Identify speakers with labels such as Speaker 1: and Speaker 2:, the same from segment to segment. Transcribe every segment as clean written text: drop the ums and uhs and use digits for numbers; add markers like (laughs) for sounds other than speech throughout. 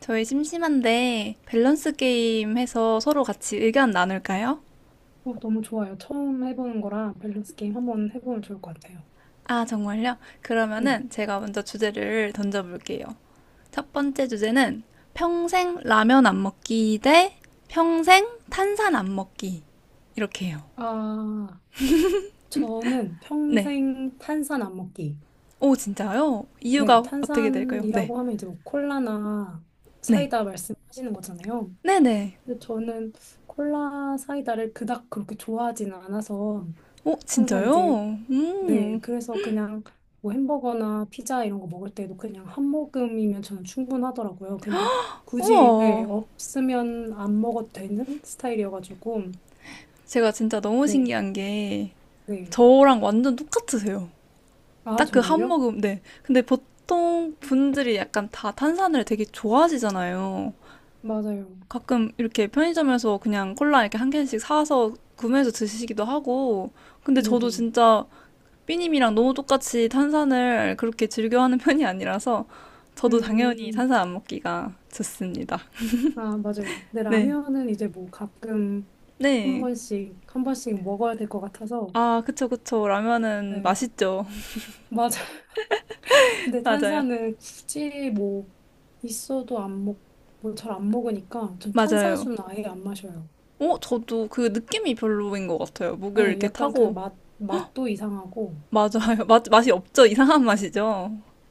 Speaker 1: 저희 심심한데 밸런스 게임 해서 서로 같이 의견 나눌까요?
Speaker 2: 너무 좋아요. 처음 해보는 거라 밸런스 게임 한번 해보면 좋을 것 같아요.
Speaker 1: 아, 정말요?
Speaker 2: 네.
Speaker 1: 그러면은 제가 먼저 주제를 던져볼게요. 첫 번째 주제는 평생 라면 안 먹기 대 평생 탄산 안 먹기. 이렇게 해요.
Speaker 2: 아, 저는
Speaker 1: 네.
Speaker 2: 평생 탄산 안 먹기.
Speaker 1: 오, 진짜요?
Speaker 2: 네,
Speaker 1: 이유가 어떻게 될까요? 네.
Speaker 2: 탄산이라고 하면 이제 뭐 콜라나
Speaker 1: 네.
Speaker 2: 사이다 말씀하시는 거잖아요.
Speaker 1: 네네.
Speaker 2: 근데 저는 콜라 사이다를 그닥 그렇게 좋아하진 않아서
Speaker 1: 오,
Speaker 2: 항상 이제.
Speaker 1: 진짜요?
Speaker 2: 네,
Speaker 1: 음.
Speaker 2: 그래서 그냥 뭐 햄버거나 피자 이런 거 먹을 때도 그냥 한 모금이면 저는 충분하더라고요. 근데 굳이, 네,
Speaker 1: 우와.
Speaker 2: 없으면 안 먹어도 되는 스타일이어가지고,
Speaker 1: 제가 진짜 너무
Speaker 2: 네,
Speaker 1: 신기한 게
Speaker 2: 네.
Speaker 1: 저랑 완전 똑같으세요.
Speaker 2: 아,
Speaker 1: 딱 그 한
Speaker 2: 정말요?
Speaker 1: 모금, 네. 근데 보통 분들이 약간 다 탄산을 되게 좋아하시잖아요.
Speaker 2: 맞아요.
Speaker 1: 가끔 이렇게 편의점에서 그냥 콜라 이렇게 한 캔씩 사서 구매해서 드시기도 하고. 근데 저도
Speaker 2: 네네.
Speaker 1: 진짜 삐님이랑 너무 똑같이 탄산을 그렇게 즐겨하는 (laughs) 편이 아니라서 저도 당연히
Speaker 2: 음,
Speaker 1: 탄산 안 먹기가 좋습니다.
Speaker 2: 아, 맞아요. 근데
Speaker 1: 네.
Speaker 2: 라면은 이제 뭐 가끔 한
Speaker 1: 네.
Speaker 2: 번씩, 한 번씩 먹어야 될 것 같아서,
Speaker 1: 아, 그쵸, 그쵸. 라면은
Speaker 2: 네.
Speaker 1: 맛있죠.
Speaker 2: 맞아요.
Speaker 1: (laughs)
Speaker 2: 근데
Speaker 1: 맞아요.
Speaker 2: 탄산은 굳이 뭐 있어도 안 먹, 뭐 잘 안 먹으니까 좀
Speaker 1: 맞아요.
Speaker 2: 탄산수는 아예 안 마셔요.
Speaker 1: 어, 저도 그 느낌이 별로인 것 같아요. 목을
Speaker 2: 네,
Speaker 1: 이렇게
Speaker 2: 약간 그
Speaker 1: 타고
Speaker 2: 맛도 이상하고.
Speaker 1: 맞아요. 맛, 맛이 없죠? 이상한 맛이죠?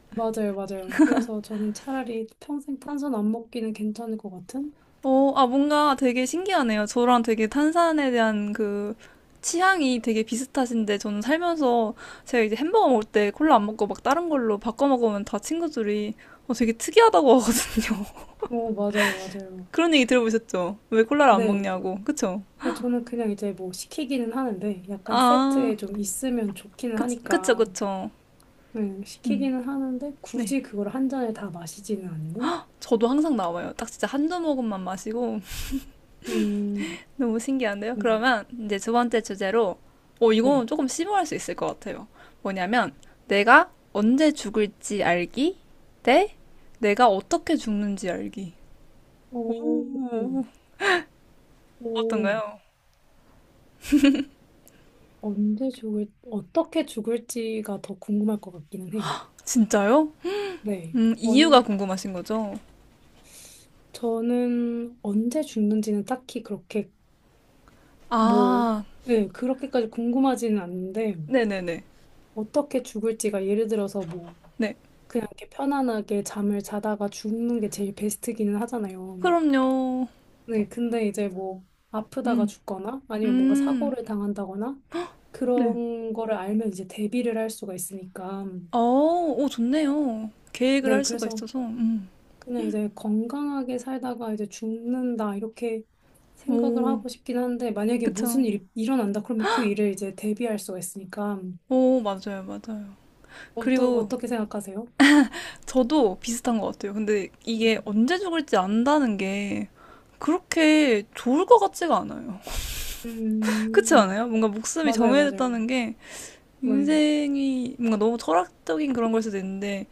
Speaker 2: 맞아요, 맞아요. 그래서 저는 차라리 평생 탄산 안 먹기는 괜찮을 것 같은?
Speaker 1: 어, 아, 뭔가 되게 신기하네요. 저랑 되게 탄산에 대한 그 취향이 되게 비슷하신데 저는 살면서 제가 이제 햄버거 먹을 때 콜라 안 먹고 막 다른 걸로 바꿔 먹으면 다 친구들이 어, 되게 특이하다고 하거든요.
Speaker 2: 어, 맞아요, 맞아요.
Speaker 1: (laughs) 그런 얘기 들어보셨죠? 왜 콜라를 안
Speaker 2: 네.
Speaker 1: 먹냐고. 그쵸?
Speaker 2: 그래서 저는 그냥 이제 뭐 시키기는 하는데 약간
Speaker 1: 아,
Speaker 2: 세트에 좀 있으면 좋기는
Speaker 1: 그쵸,
Speaker 2: 하니까.
Speaker 1: 그쵸.
Speaker 2: 네,
Speaker 1: 음,
Speaker 2: 시키기는 하는데
Speaker 1: 네.
Speaker 2: 굳이 그걸 한 잔에 다 마시지는 않는?
Speaker 1: 저도 항상 나와요. 딱 진짜 한두 모금만 마시고
Speaker 2: 음,
Speaker 1: 너무 신기한데요?
Speaker 2: 네.
Speaker 1: 그러면 이제 두 번째 주제로, 어, 이건
Speaker 2: 네.
Speaker 1: 조금 심오할 수 있을 것 같아요. 뭐냐면, 내가 언제 죽을지 알기 대 내가 어떻게 죽는지 알기.
Speaker 2: 오.
Speaker 1: 오,
Speaker 2: 오,
Speaker 1: 어떤가요?
Speaker 2: 어떻게 죽을지가 더 궁금할 것 같기는 해요.
Speaker 1: 진짜요?
Speaker 2: 네.
Speaker 1: 이유가 궁금하신 거죠?
Speaker 2: 저는 언제 죽는지는 딱히 그렇게, 뭐,
Speaker 1: 아,
Speaker 2: 네, 그렇게까지 궁금하지는 않은데,
Speaker 1: 네네네.
Speaker 2: 어떻게 죽을지가 예를 들어서 뭐,
Speaker 1: 네.
Speaker 2: 그냥 이렇게 편안하게 잠을 자다가 죽는 게 제일 베스트기는 하잖아요.
Speaker 1: 그럼요.
Speaker 2: 네, 근데 이제 뭐, 아프다가
Speaker 1: 음,
Speaker 2: 죽거나, 아니면 뭔가
Speaker 1: 음,
Speaker 2: 사고를 당한다거나,
Speaker 1: 네.
Speaker 2: 그런 거를 알면 이제 대비를 할 수가 있으니까,
Speaker 1: 어, 오, 좋네요. 계획을
Speaker 2: 네,
Speaker 1: 할 수가
Speaker 2: 그래서
Speaker 1: 있어서,
Speaker 2: 그냥 이제 건강하게 살다가 이제 죽는다 이렇게 생각을
Speaker 1: 오,
Speaker 2: 하고 싶긴 한데 만약에 무슨
Speaker 1: 그쵸.
Speaker 2: 일이 일어난다 그러면 그 일을 이제 대비할 수가 있으니까
Speaker 1: 오, 맞아요, 맞아요. 그리고
Speaker 2: 어떻게 생각하세요?
Speaker 1: 저도 비슷한 것 같아요. 근데 이게
Speaker 2: 음,
Speaker 1: 언제 죽을지 안다는 게 그렇게 좋을 것 같지가 않아요. (laughs) 그렇지
Speaker 2: 음,
Speaker 1: 않아요? 뭔가 목숨이
Speaker 2: 맞아요, 맞아요.
Speaker 1: 정해졌다는 게
Speaker 2: 네,
Speaker 1: 인생이 뭔가 너무 철학적인 그런 걸 수도 있는데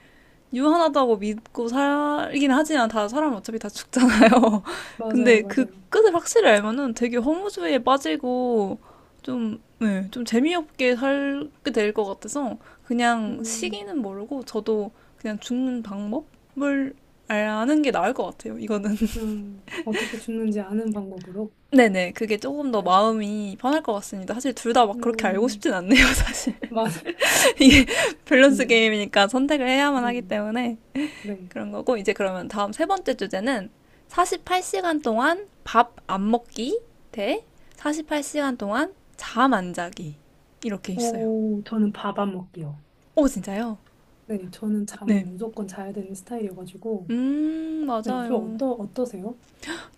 Speaker 1: 유한하다고 믿고 살긴 하지만 다 사람 어차피 다 죽잖아요. (laughs)
Speaker 2: 맞아요,
Speaker 1: 근데 그
Speaker 2: 맞아요.
Speaker 1: 끝을 확실히 알면은 되게 허무주의에 빠지고 좀, 네, 좀 재미없게 살게 될 것 같아서 그냥
Speaker 2: 음,
Speaker 1: 시기는 모르고 저도 그냥 죽는 방법을 아는 게 나을 것 같아요. 이거는.
Speaker 2: 어떻게 죽는지 아는 방법으로.
Speaker 1: (laughs) 네네. 그게 조금 더
Speaker 2: 네.
Speaker 1: 마음이 편할 것 같습니다. 사실 둘 다 막
Speaker 2: 네.
Speaker 1: 그렇게 알고 싶진 않네요, 사실.
Speaker 2: 맞,
Speaker 1: (laughs) 이게 밸런스
Speaker 2: 음,
Speaker 1: 게임이니까 선택을 해야만
Speaker 2: 네,
Speaker 1: 하기 때문에.
Speaker 2: 네.
Speaker 1: 그런 거고, 이제 그러면 다음 세 번째 주제는 48시간 동안 밥 안 먹기 대 48시간 동안 잠 안 자기. 이렇게 있어요.
Speaker 2: 오, 저는 밥 안 먹기요.
Speaker 1: 오, 진짜요?
Speaker 2: 네, 저는 잠
Speaker 1: 네.
Speaker 2: 무조건 자야 되는 스타일이어가지고. 네, 좀
Speaker 1: 맞아요.
Speaker 2: 어떠세요?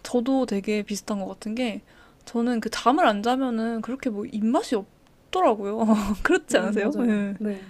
Speaker 1: 저도 되게 비슷한 것 같은 게, 저는 그 잠을 안 자면은 그렇게 뭐 입맛이 없더라고요. (laughs) 그렇지 않으세요?
Speaker 2: 맞아요.
Speaker 1: 네.
Speaker 2: 네.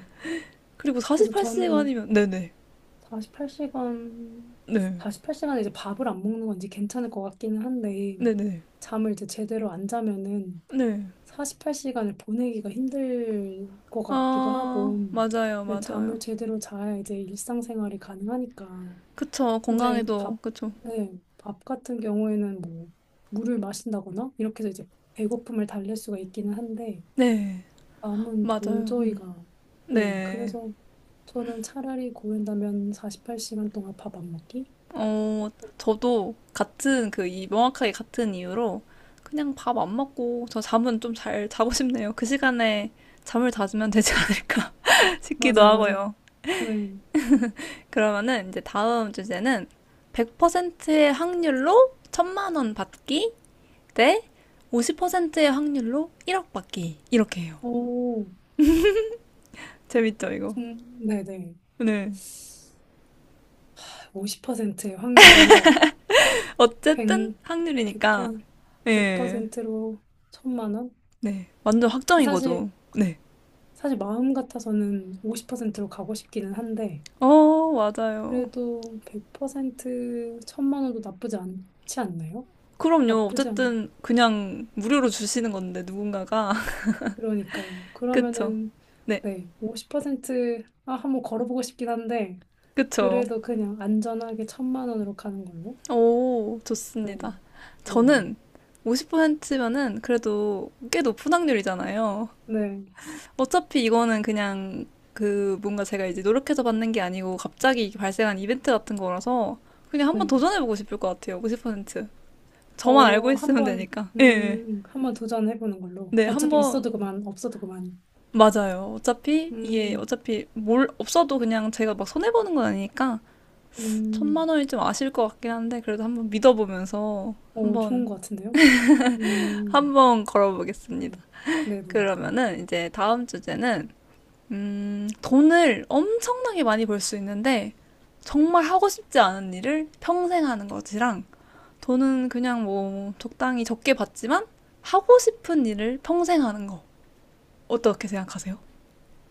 Speaker 1: 그리고
Speaker 2: 그래서 저는
Speaker 1: 48시간이면, 네네.
Speaker 2: 48시간,
Speaker 1: 네. 네네.
Speaker 2: 48시간에 이제 밥을 안 먹는 건지 괜찮을 것 같기는 한데,
Speaker 1: 네. 네, 네.
Speaker 2: 잠을 이제 제대로 안 자면은
Speaker 1: 네.
Speaker 2: 48시간을 보내기가 힘들 것 같기도
Speaker 1: 아,
Speaker 2: 하고,
Speaker 1: 맞아요,
Speaker 2: 근데 잠을
Speaker 1: 맞아요.
Speaker 2: 제대로 자야 이제 일상생활이 가능하니까.
Speaker 1: 그쵸,
Speaker 2: 근데
Speaker 1: 건강에도,
Speaker 2: 밥,
Speaker 1: 그쵸.
Speaker 2: 네, 밥 같은 경우에는 뭐, 물을 마신다거나, 이렇게 해서 이제 배고픔을 달랠 수가 있기는 한데,
Speaker 1: 네.
Speaker 2: 암은
Speaker 1: 맞아요.
Speaker 2: 도저히가. 네,
Speaker 1: 네.
Speaker 2: 그래서 저는 차라리 고른다면 48시간 동안 밥 안 먹기?
Speaker 1: 어, 저도 같은 그 이 명확하게 같은 이유로 그냥 밥 안 먹고 저 잠은 좀 잘 자고 싶네요. 그 시간에 잠을 자주면 되지 않을까 (laughs) 싶기도
Speaker 2: 맞아요, 맞아요.
Speaker 1: 하고요.
Speaker 2: 네.
Speaker 1: 그러면은 이제 다음 주제는 100%의 확률로 천만 원 받기 대 50%의 확률로 1억 받기. 이렇게 해요.
Speaker 2: 오,
Speaker 1: 재밌죠, 이거?
Speaker 2: 네네.
Speaker 1: 네.
Speaker 2: 50%의 확률로 1억,
Speaker 1: 어쨌든
Speaker 2: 100,
Speaker 1: 확률이니까.
Speaker 2: 100%,
Speaker 1: 예.
Speaker 2: 100%로 천만 원?
Speaker 1: 네. 완전 확정인 거죠.
Speaker 2: 사실,
Speaker 1: 네.
Speaker 2: 사실 마음 같아서는 50%로 가고 싶기는 한데,
Speaker 1: 어, 맞아요.
Speaker 2: 그래도 100% 천만 원도 나쁘지 않지 않나요?
Speaker 1: 그럼요.
Speaker 2: 나쁘지 않아요.
Speaker 1: 어쨌든 그냥 무료로 주시는 건데 누군가가 (laughs)
Speaker 2: 그러니까요.
Speaker 1: 그쵸?
Speaker 2: 그러면은
Speaker 1: 네,
Speaker 2: 네, 50% 아, 한번 걸어보고 싶긴 한데
Speaker 1: 그쵸?
Speaker 2: 그래도 그냥 안전하게 천만 원으로 가는 걸로.
Speaker 1: 오,
Speaker 2: 네.
Speaker 1: 좋습니다.
Speaker 2: 네네.
Speaker 1: 저는 50%면은 그래도 꽤 높은 확률이잖아요.
Speaker 2: 네.
Speaker 1: 어차피 이거는 그냥 그 뭔가 제가 이제 노력해서 받는 게 아니고 갑자기 발생한 이벤트 같은 거라서 그냥 한번
Speaker 2: 네.
Speaker 1: 도전해보고 싶을 것 같아요. 50%. 저만 알고
Speaker 2: 어,
Speaker 1: 있으면
Speaker 2: 한번
Speaker 1: 되니까. 예. 예.
Speaker 2: 음, 한번 도전해 보는 걸로.
Speaker 1: 네,
Speaker 2: 어차피
Speaker 1: 한번
Speaker 2: 있어도 그만, 없어도 그만.
Speaker 1: 맞아요. 어차피 이게
Speaker 2: 음.
Speaker 1: 어차피 뭘 없어도 그냥 제가 막 손해 보는 건 아니니까 천만
Speaker 2: 음.
Speaker 1: 원이 좀 아실 것 같긴 한데 그래도 한번 믿어보면서
Speaker 2: 어,
Speaker 1: 한번
Speaker 2: 좋은 것 같은데요? 음.
Speaker 1: 한번
Speaker 2: 네.
Speaker 1: 걸어보겠습니다.
Speaker 2: 네네.
Speaker 1: 그러면은 이제 다음 주제는 돈을 엄청나게 많이 벌 수 있는데 정말 하고 싶지 않은 일을 평생 하는 것이랑 돈은 그냥 뭐 적당히 적게 받지만 하고 싶은 일을 평생 하는 거 어떻게 생각하세요?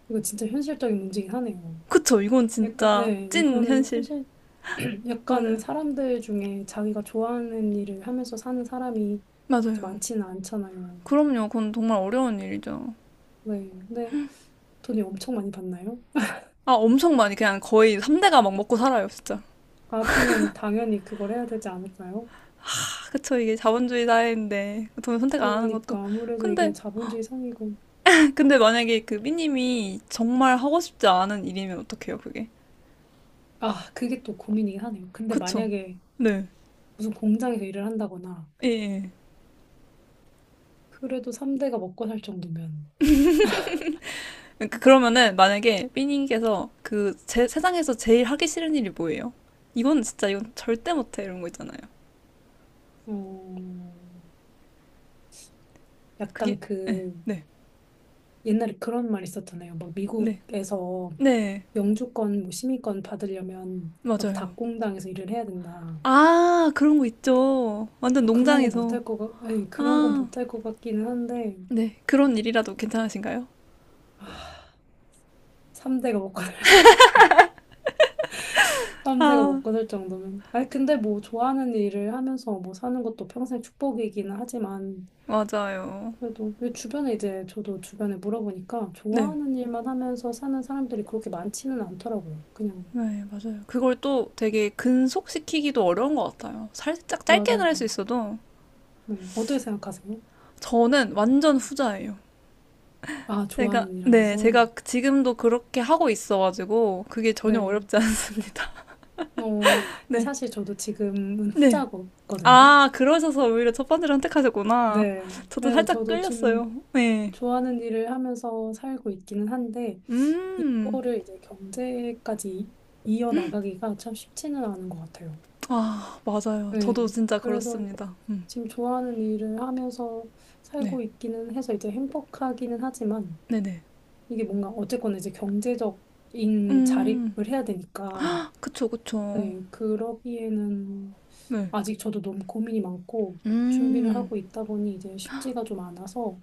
Speaker 2: 이거 진짜 현실적인 문제긴 하네요.
Speaker 1: 그쵸? 이건
Speaker 2: 약간
Speaker 1: 진짜
Speaker 2: 네,
Speaker 1: 찐
Speaker 2: 이거는
Speaker 1: 현실.
Speaker 2: 현실. (clears throat) 약간
Speaker 1: 맞아요.
Speaker 2: 사람들 중에 자기가 좋아하는 일을 하면서 사는 사람이 그렇게
Speaker 1: 맞아요.
Speaker 2: 많지는 않잖아요.
Speaker 1: 그럼요. 그건 정말 어려운 일이죠.
Speaker 2: 네. 근데 돈이 엄청 많이 받나요?
Speaker 1: 아, 엄청 많이 그냥 거의 3대가 막 먹고 살아요, 진짜.
Speaker 2: 아, 그러면 당연히 그걸 해야 되지 않을까요?
Speaker 1: 아, 그쵸. 이게 자본주의 사회인데 돈 선택 안 하는 것도.
Speaker 2: 그러니까 아무래도 이게
Speaker 1: 근데
Speaker 2: 자본주의 상이고.
Speaker 1: (laughs) 근데 만약에 그 삐님이 정말 하고 싶지 않은 일이면 어떡해요, 그게?
Speaker 2: 아, 그게 또 고민이긴 하네요. 근데
Speaker 1: 그쵸.
Speaker 2: 만약에
Speaker 1: 네.
Speaker 2: 무슨 공장에서 일을 한다거나
Speaker 1: 예, 예.
Speaker 2: 그래도 3대가 먹고 살 정도면.
Speaker 1: 그러니까 그러면은 만약에 삐님께서 그 세상에서 제일 하기 싫은 일이 뭐예요? 이건 진짜 이건 절대 못해 이런 거 있잖아요.
Speaker 2: 어,
Speaker 1: 그게
Speaker 2: 약간
Speaker 1: 네,
Speaker 2: 그
Speaker 1: 네,
Speaker 2: 옛날에 그런 말 있었잖아요. 막
Speaker 1: 네,
Speaker 2: 미국에서
Speaker 1: 네,
Speaker 2: 영주권, 뭐 시민권 받으려면 막
Speaker 1: 맞아요.
Speaker 2: 닭공당에서 일을 해야 된다.
Speaker 1: 아, 그런 거 있죠. 완전
Speaker 2: 저
Speaker 1: 농장에서.
Speaker 2: 그런 건
Speaker 1: 아,
Speaker 2: 못할 것 같기는 한데,
Speaker 1: 네. 그런 일이라도 괜찮으신가요?
Speaker 2: 3대가 먹고 살 정도. (laughs) 삼 대가 (laughs)
Speaker 1: 아,
Speaker 2: 먹고 살 정도면. 아니, 근데 뭐 좋아하는 일을 하면서 뭐 사는 것도 평생 축복이기는 하지만,
Speaker 1: 맞아요.
Speaker 2: 그래도 근데 주변에 이제 저도 주변에 물어보니까
Speaker 1: 네.
Speaker 2: 좋아하는 일만 하면서 사는 사람들이 그렇게 많지는 않더라고요. 그냥,
Speaker 1: 네, 맞아요. 그걸 또 되게 근속시키기도 어려운 것 같아요. 살짝 짧게는
Speaker 2: 맞아요.
Speaker 1: 할 수 있어도
Speaker 2: 네. 어떻게 생각하세요?
Speaker 1: 저는 완전 후자예요.
Speaker 2: 아,
Speaker 1: 제가,
Speaker 2: 좋아하는 일
Speaker 1: 네,
Speaker 2: 하면서.
Speaker 1: 제가 지금도 그렇게 하고 있어가지고 그게 전혀
Speaker 2: 네,
Speaker 1: 어렵지 않습니다.
Speaker 2: 어,
Speaker 1: (laughs)
Speaker 2: 근데
Speaker 1: 네.
Speaker 2: 사실 저도 지금은
Speaker 1: 네.
Speaker 2: 후자거든요.
Speaker 1: 아, 그러셔서 오히려 첫 번째를 선택하셨구나.
Speaker 2: 네.
Speaker 1: 저도
Speaker 2: 그래서
Speaker 1: 살짝
Speaker 2: 저도 지금
Speaker 1: 끌렸어요. 네.
Speaker 2: 좋아하는 일을 하면서 살고 있기는 한데,
Speaker 1: 음.
Speaker 2: 이거를 이제 경제까지 이어나가기가 참 쉽지는 않은 것 같아요.
Speaker 1: 아, 맞아요.
Speaker 2: 네.
Speaker 1: 저도 진짜
Speaker 2: 그래서
Speaker 1: 그렇습니다.
Speaker 2: 지금 좋아하는 일을 하면서
Speaker 1: 네.
Speaker 2: 살고 있기는 해서 이제 행복하기는 하지만,
Speaker 1: 네네.
Speaker 2: 이게 뭔가 어쨌거나 이제 경제적인
Speaker 1: 음,
Speaker 2: 자립을 해야 되니까,
Speaker 1: 그쵸, 그쵸.
Speaker 2: 네. 그러기에는
Speaker 1: 네.
Speaker 2: 아직 저도 너무 고민이 많고 준비를
Speaker 1: 음,
Speaker 2: 하고 있다 보니 이제 쉽지가 좀 않아서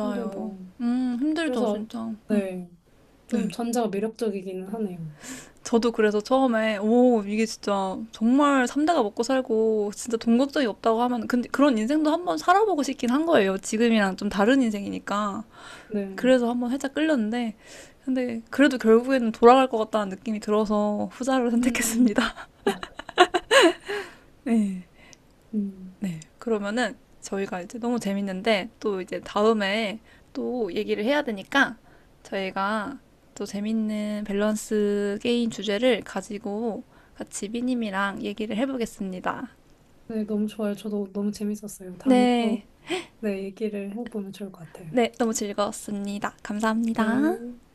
Speaker 2: 근데 뭐
Speaker 1: 힘들죠,
Speaker 2: 그래서
Speaker 1: 진짜. 음,
Speaker 2: 네. 좀
Speaker 1: 네.
Speaker 2: 전자가 매력적이기는 하네요.
Speaker 1: 저도 그래서 처음에, 오, 이게 진짜 정말 삼대가 먹고 살고, 진짜 돈 걱정이 없다고 하면, 근데 그런 인생도 한번 살아보고 싶긴 한 거예요. 지금이랑 좀 다른 인생이니까.
Speaker 2: 네.
Speaker 1: 그래서 한번 살짝 끌렸는데, 근데 그래도 결국에는 돌아갈 것 같다는 느낌이 들어서 후자를
Speaker 2: 음.
Speaker 1: 선택했습니다. (laughs) 네.
Speaker 2: 음.
Speaker 1: 네. 그러면은 저희가 이제 너무 재밌는데 또 이제 다음에 또 얘기를 해야 되니까 저희가 또 재밌는 밸런스 게임 주제를 가지고 같이 비님이랑 얘기를 해보겠습니다.
Speaker 2: 네, 너무 좋아요. 저도 너무 재밌었어요. 다음에
Speaker 1: 네.
Speaker 2: 또. 네, 얘기를 해보면 좋을 것 같아요.
Speaker 1: 네. 너무 즐거웠습니다. 감사합니다.
Speaker 2: 네.